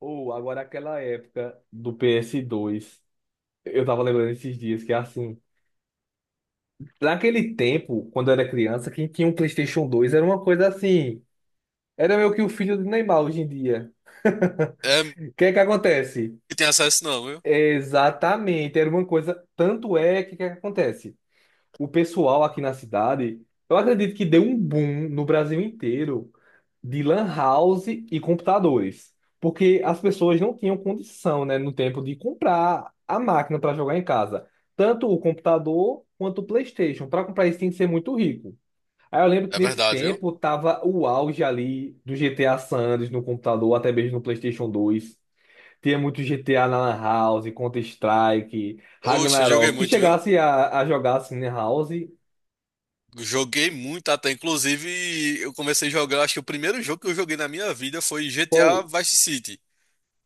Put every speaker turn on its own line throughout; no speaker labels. Ou agora aquela época do PS2. Eu tava lembrando esses dias que assim, naquele tempo, quando eu era criança, quem tinha um PlayStation 2 era uma coisa assim, era meio que o filho do Neymar hoje em dia.
É,
O que é que acontece?
que tem acesso não, viu?
Exatamente, era uma coisa, tanto é que o que é que acontece? O pessoal aqui na cidade, eu acredito que deu um boom no Brasil inteiro de lan house e computadores, porque as pessoas não tinham condição, né, no tempo de comprar a máquina para jogar em casa, tanto o computador quanto o PlayStation. Para comprar isso tinha que ser muito rico. Aí eu lembro que
É
nesse
verdade, viu?
tempo tava o auge ali do GTA San Andreas no computador, até mesmo no PlayStation 2. Tinha muito GTA na Lan House, Counter-Strike,
Oxe, eu joguei
Ragnarok. Tu
muito, viu?
chegasse a jogar assim na House,
Joguei muito até. Inclusive, eu comecei a jogar, acho que o primeiro jogo que eu joguei na minha vida foi GTA
qual,
Vice City.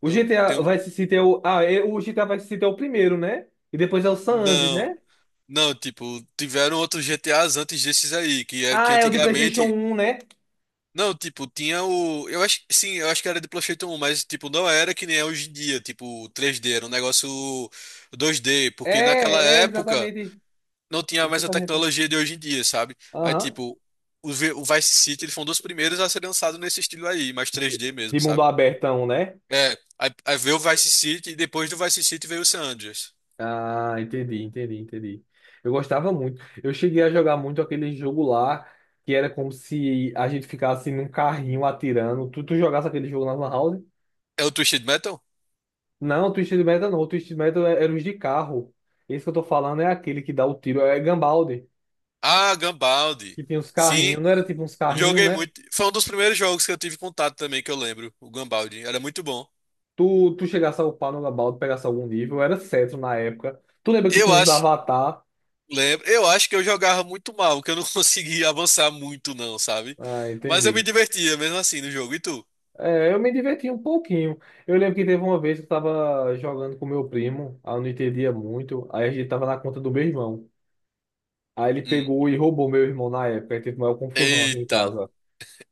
O
Eu
GTA
tenho.
vai se ter o. Ah, é, o GTA vai se ter o primeiro, né? E depois é o San Andreas,
Não,
né?
não, tipo, tiveram outros GTAs antes desses aí, que
Ah, é o de PlayStation
antigamente.
um, né?
Não, tipo, tinha o. Eu acho. Sim, eu acho que era de PlayStation 1, mas, tipo, não era que nem é hoje em dia, tipo, 3D, era um negócio 2D, porque naquela
É, é,
época
exatamente.
não tinha mais a
Exatamente.
tecnologia de hoje em dia, sabe? Aí,
Aham.
tipo, o Vice City eles foram dos primeiros a ser lançado nesse estilo aí, mais 3D mesmo,
De mundo
sabe?
abertão, né?
É, aí veio o Vice City e depois do Vice City veio o San Andreas.
Ah, entendi, entendi, entendi. Eu gostava muito. Eu cheguei a jogar muito aquele jogo lá, que era como se a gente ficasse num carrinho atirando. Tu jogasse aquele jogo na Lan House?
É o Twisted Metal?
Não, Twisted Metal não. Twisted Metal é, era os de carro. Esse que eu tô falando é aquele que dá o tiro, é Gunbound.
Ah, Gunbound.
Que tinha uns
Sim,
carrinhos, não era tipo uns carrinhos,
joguei
né?
muito. Foi um dos primeiros jogos que eu tive contato também, que eu lembro, o Gunbound. Era muito bom.
Tu chegasse a upar no Labaldo, pegasse algum nível, era cetro na época. Tu lembra que
Eu
tinha uns
acho,
avatar?
lembro, eu acho que eu jogava muito mal, que eu não conseguia avançar muito não, sabe?
Ah,
Mas eu me
entendi.
divertia mesmo assim no jogo. E tu?
É, eu me divertia um pouquinho. Eu lembro que teve uma vez que eu tava jogando com meu primo, aí eu não entendia muito, aí a gente tava na conta do meu irmão. Aí ele
Hum.
pegou e roubou meu irmão na época, aí teve maior confusão aqui em
Eita.
casa.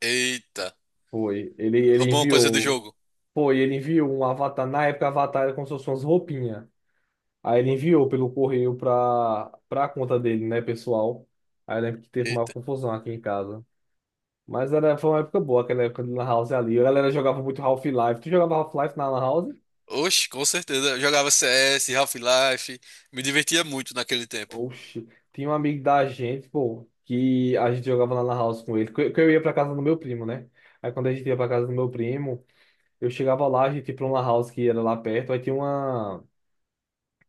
Eita,
Foi, ele
roubou uma coisa do
enviou,
jogo.
foi, ele enviou um avatar, na época avatar era como se fosse umas roupinhas. Aí ele enviou pelo correio para a conta dele, né, pessoal. Aí eu lembro que teve uma
Eita.
confusão aqui em casa. Mas era, foi uma época boa, aquela época de Lan House ali. A galera jogava muito Half-Life. Tu jogava Half-Life na Lan House?
Oxe, com certeza. Eu jogava CS, Half-Life, me divertia muito naquele tempo.
Oxi, tinha um amigo da gente, pô, que a gente jogava na Lan House com ele. Que eu ia pra casa do meu primo, né? Aí quando a gente ia pra casa do meu primo, eu chegava lá, a gente ia pra uma Lan House que era lá perto. Aí tinha uma.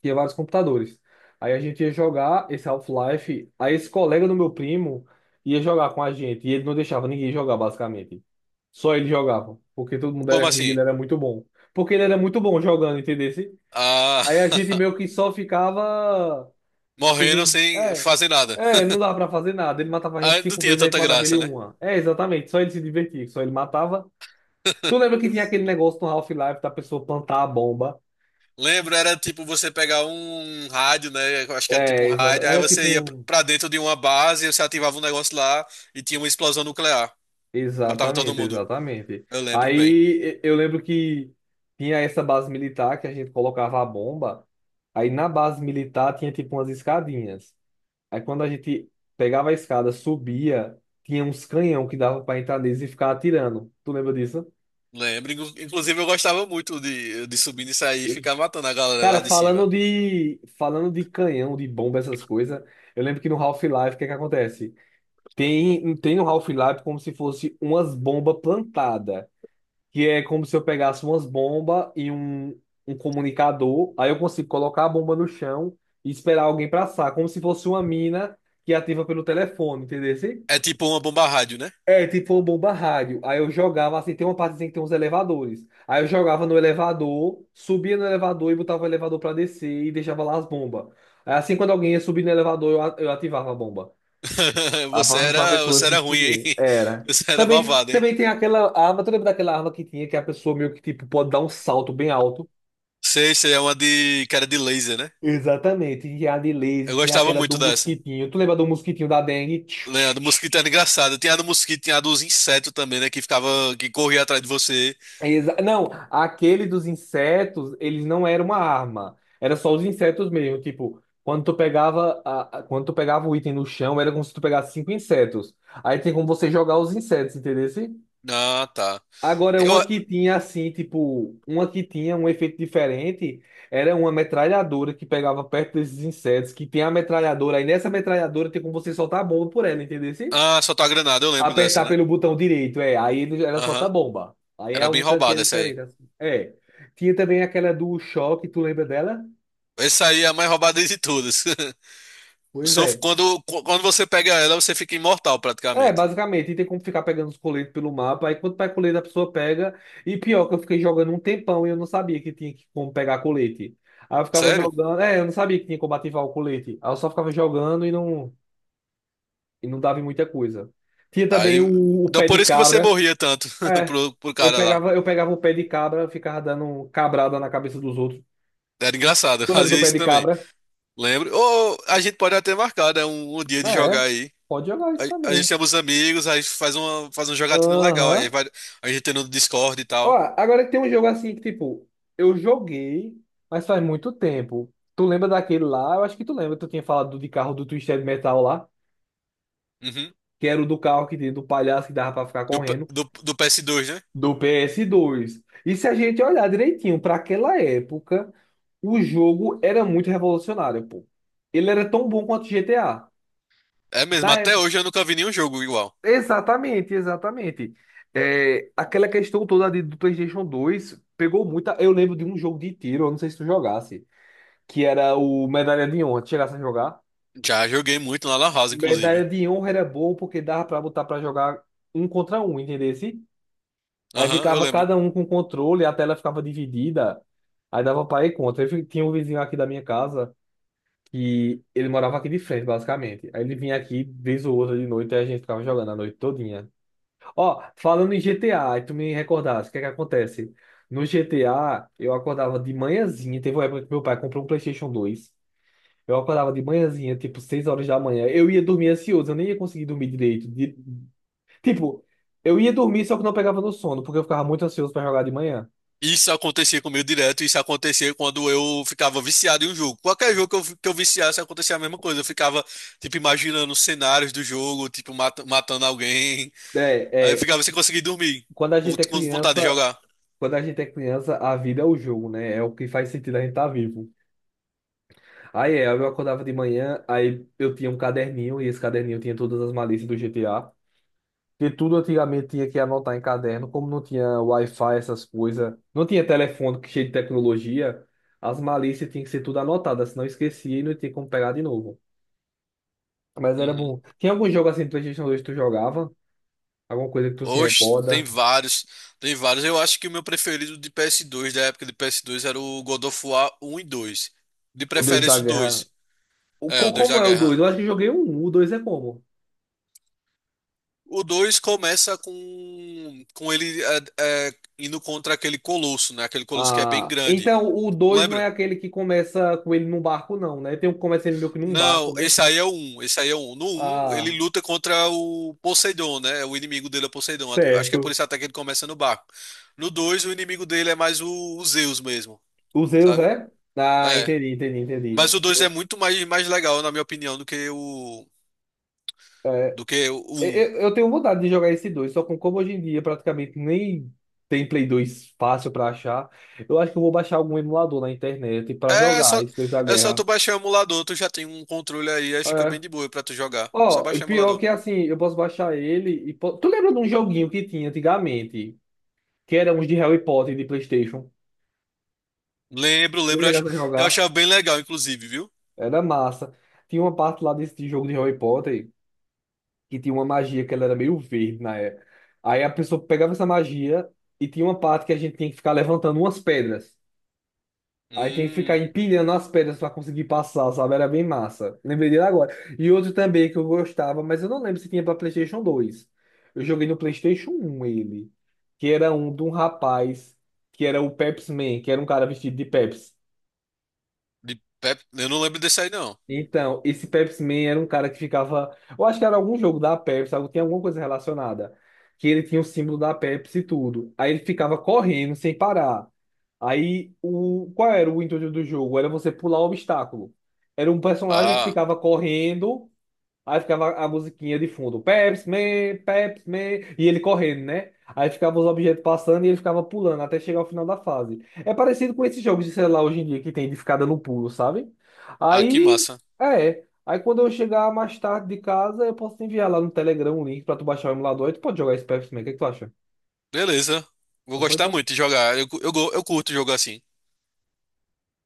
Tinha vários computadores. Aí a gente ia jogar esse Half-Life, aí esse colega do meu primo ia jogar com a gente, e ele não deixava ninguém jogar, basicamente. Só ele jogava, porque todo mundo
Como
era ruim e
assim?
ele era muito bom. Porque ele era muito bom jogando, entendeu?
Ah,
Aí a gente meio que só ficava se
morrendo
vin-
sem
É,
fazer nada.
é, não dava pra fazer nada. Ele matava a gente
Ah, não
cinco
tinha
vezes, a gente
tanta
matava ele
graça, né?
uma. É, exatamente, só ele se divertia, só ele matava. Tu lembra que tinha aquele negócio no Half-Life da pessoa plantar a bomba?
Lembro, era tipo você pegar um rádio, né? Eu acho que era tipo um
É,
rádio, aí
era tipo
você ia
um.
pra dentro de uma base, você ativava um negócio lá e tinha uma explosão nuclear. Matava todo
Exatamente,
mundo.
exatamente.
Eu lembro bem.
Aí eu lembro que tinha essa base militar que a gente colocava a bomba. Aí na base militar tinha tipo umas escadinhas. Aí quando a gente pegava a escada, subia, tinha uns canhão que dava para entrar neles e ficar atirando. Tu lembra disso?
Lembro. Inclusive, eu gostava muito de subir e sair, e ficar matando a galera
Cara,
lá de cima.
falando de canhão, de bomba, essas coisas, eu lembro que no Half-Life, o que é que acontece? Tem no Half-Life como se fosse umas bombas plantadas. Que é como se eu pegasse umas bombas e um comunicador, aí eu consigo colocar a bomba no chão e esperar alguém passar, como se fosse uma mina que ativa pelo telefone, entendeu? Assim?
É tipo uma bomba rádio, né?
É, tipo uma bomba rádio. Aí eu jogava, assim, tem uma parte assim que tem uns elevadores. Aí eu jogava no elevador, subia no elevador e botava o elevador pra descer e deixava lá as bombas. Aí, assim, quando alguém ia subir no elevador, eu ativava a bomba. A
Você
para
era,
pessoa
você
se
era ruim,
esconder.
hein?
Era.
Você era
Também,
malvado, hein?
também tem aquela arma, tu lembra daquela arma que tinha que a pessoa meio que tipo pode dar um salto bem alto?
Sei, sei, é uma de cara de laser, né?
Exatamente. Tinha a de
Eu
laser, tinha
gostava
aquela do
muito dessa.
mosquitinho. Tu lembra do mosquitinho da dengue? Tchiu,
Né, a
tchiu,
do
tchiu,
mosquito era
tchiu.
engraçado. Tinha a do mosquito, tinha a dos insetos também, né? Que ficava, que corria atrás de você.
Não, aquele dos insetos, eles não era uma arma. Era só os insetos mesmo. Tipo, quando tu pegava, quando tu pegava o item no chão, era como se tu pegasse cinco insetos. Aí tem como você jogar os insetos, entendeu?
Ah, tá.
Agora,
Eu,
uma que tinha assim, tipo, uma que tinha um efeito diferente, era uma metralhadora que pegava perto desses insetos, que tem a metralhadora, aí nessa metralhadora tem como você soltar a bomba por ela, entendeu? Assim?
ah, soltou a granada, eu lembro dessa,
Apertar
né?
pelo botão direito, é, aí ela solta a
Aham.
bomba. Aí é
Era bem
algo que é
roubada essa aí.
diferente, assim. É. Tinha também aquela do choque, tu lembra dela?
Essa aí é a mais roubada de todas.
Pois
Só
é.
quando você pega ela, você fica imortal
É,
praticamente.
basicamente, e tem como ficar pegando os coletes pelo mapa. Aí quando pega colete, a pessoa pega. E pior, que eu fiquei jogando um tempão e eu não sabia como pegar colete. Aí eu ficava
Sério?
jogando. É, eu não sabia que tinha como ativar o colete. Aí eu só ficava jogando e não dava em muita coisa. Tinha também
Aí,
o
então
pé de
por isso que você
cabra.
morria tanto
É,
pro cara lá.
eu pegava o pé de cabra, ficava dando cabrada na cabeça dos outros.
Era engraçado,
Tu lembra do
fazia
pé
isso
de
também.
cabra?
Lembro. Ou a gente pode até marcar, né? Um dia de jogar
É,
aí.
pode jogar isso
A gente
também.
chama os amigos, aí faz uma, faz um jogatinho legal. Aí
Aham.
vai, a gente tem no Discord e
Ó,
tal.
agora tem um jogo assim que, tipo, eu joguei, mas faz muito tempo. Tu lembra daquele lá? Eu acho que tu lembra, tu tinha falado do de carro do Twisted Metal lá,
Uhum.
que era o do carro que tinha do palhaço que dava pra ficar
Do, P-
correndo,
do, do PS2, né?
do ps dois. E se a gente olhar direitinho, pra aquela época, o jogo era muito revolucionário, pô. Ele era tão bom quanto GTA.
É mesmo,
Na
até
época.
hoje eu nunca vi nenhum jogo igual.
Exatamente, exatamente. É, aquela questão toda do PlayStation 2 pegou muita. Eu lembro de um jogo de tiro, eu não sei se tu jogasse. Que era o Medalha de Honra. Tu chegasse a jogar.
Já joguei muito na Lan House,
Medalha
inclusive.
de Honra era bom porque dava pra botar pra jogar um contra um, entendesse? Aí
Aham, eu
ficava
lembro.
cada um com controle, a tela ficava dividida, aí dava pra ir contra. Tinha um vizinho aqui da minha casa que ele morava aqui de frente, basicamente. Aí ele vinha aqui vez ou outra de noite e a gente ficava jogando a noite todinha. Ó, falando em GTA, aí tu me recordasse, o que é que acontece? No GTA, eu acordava de manhãzinha, teve uma época que meu pai comprou um PlayStation 2. Eu acordava de manhãzinha, tipo, 6 horas da manhã. Eu ia dormir ansioso, eu nem ia conseguir dormir direito. Tipo, eu ia dormir, só que não pegava no sono, porque eu ficava muito ansioso pra jogar de manhã.
Isso acontecia comigo direto, isso acontecia quando eu ficava viciado em um jogo. Qualquer jogo que eu viciasse, acontecia a mesma coisa. Eu ficava, tipo, imaginando os cenários do jogo, tipo, matando alguém. Aí eu
É, é,
ficava sem conseguir dormir,
quando a
com,
gente é
com vontade de
criança,
jogar.
quando a gente é criança, a vida é o jogo, né? É o que faz sentido a gente estar vivo. Aí é, eu acordava de manhã, aí eu tinha um caderninho, e esse caderninho tinha todas as malícias do GTA. Porque tudo antigamente tinha que anotar em caderno, como não tinha Wi-Fi, essas coisas, não tinha telefone que cheio de tecnologia, as malícias tinham que ser tudo anotadas, senão esquecia e não tinha como pegar de novo. Mas era
Uhum.
bom. Tinha algum jogo assim do PlayStation 2 que tu jogava? Alguma coisa que tu se
Oxe, tem
recorda?
vários. Tem vários. Eu acho que o meu preferido de PS2, da época de PS2, era o God of War um e dois. De
O Deus da
preferência o
Guerra.
2.
O,
É, o Deus da
como é o 2?
Guerra.
Eu acho que eu joguei um. O 2 é como?
O 2 começa com, com ele indo contra aquele colosso, né? Aquele colosso que é bem
Ah,
grande.
então o
Não
2 não é
lembra?
aquele que começa com ele num barco, não, né? Tem um que começa ele meio que num barco,
Não,
né?
esse aí é o 1. Esse aí é o 1. No um ele
Ah,
luta contra o Poseidon, né? O inimigo dele é o Poseidon. Eu acho que é por
certo.
isso até que ele começa no barco. No 2 o inimigo dele é mais o Zeus mesmo,
O Zeus
sabe?
é? Ah,
É.
entendi, entendi,
Mas
entendi.
o 2 é
Eu,
muito mais, mais legal, na minha opinião, do que o 1.
eu, eu tenho vontade de jogar esse 2, só com como hoje em dia praticamente nem tem Play 2 fácil pra achar. Eu acho que eu vou baixar algum emulador na internet pra
É
jogar
só,
esse Deus da
é só tu
Guerra.
baixar o emulador, tu já tem um controle aí, aí fica
É.
bem de boa pra tu jogar. Só
Ó, e
baixar o
pior
emulador.
que é assim, eu posso baixar ele Tu lembra de um joguinho que tinha antigamente, que era uns de Harry Potter de PlayStation?
Lembro,
Eu
lembro,
chegasse a
eu
jogar,
achava bem legal, inclusive, viu?
era massa. Tinha uma parte lá desse de jogo de Harry Potter que tinha uma magia que ela era meio verde na época. Aí a pessoa pegava essa magia e tinha uma parte que a gente tinha que ficar levantando umas pedras. Aí tem que ficar
Hum,
empilhando as pedras para conseguir passar, sabe? Era bem massa. Lembrei dele agora. E outro também que eu gostava, mas eu não lembro se tinha para PlayStation 2. Eu joguei no PlayStation um ele, que era um de um rapaz que era o Pepsi Man, que era um cara vestido de Pepsi.
eu não lembro desse aí, não.
Então, esse Pepsi Man era um cara que ficava. Eu acho que era algum jogo da Pepsi, tinha alguma coisa relacionada. Que ele tinha o símbolo da Pepsi e tudo. Aí ele ficava correndo sem parar. Aí, o qual era o intuito do jogo? Era você pular o obstáculo. Era um personagem que
Ah,
ficava correndo. Aí ficava a musiquinha de fundo, Pepsi Man, Pepsi Man, e ele correndo, né? Aí ficava os objetos passando e ele ficava pulando até chegar ao final da fase. É parecido com esses jogos de celular hoje em dia que tem de ficar dando pulo, sabe?
ah, que
Aí,
massa.
é. Aí quando eu chegar mais tarde de casa, eu posso te enviar lá no Telegram um link pra tu baixar o emulador e tu pode jogar esse Pepsi Man. O que é que tu acha?
Beleza. Vou
Ah, pois
gostar muito
então
de jogar. Eu, cu- eu, go- eu curto jogo assim.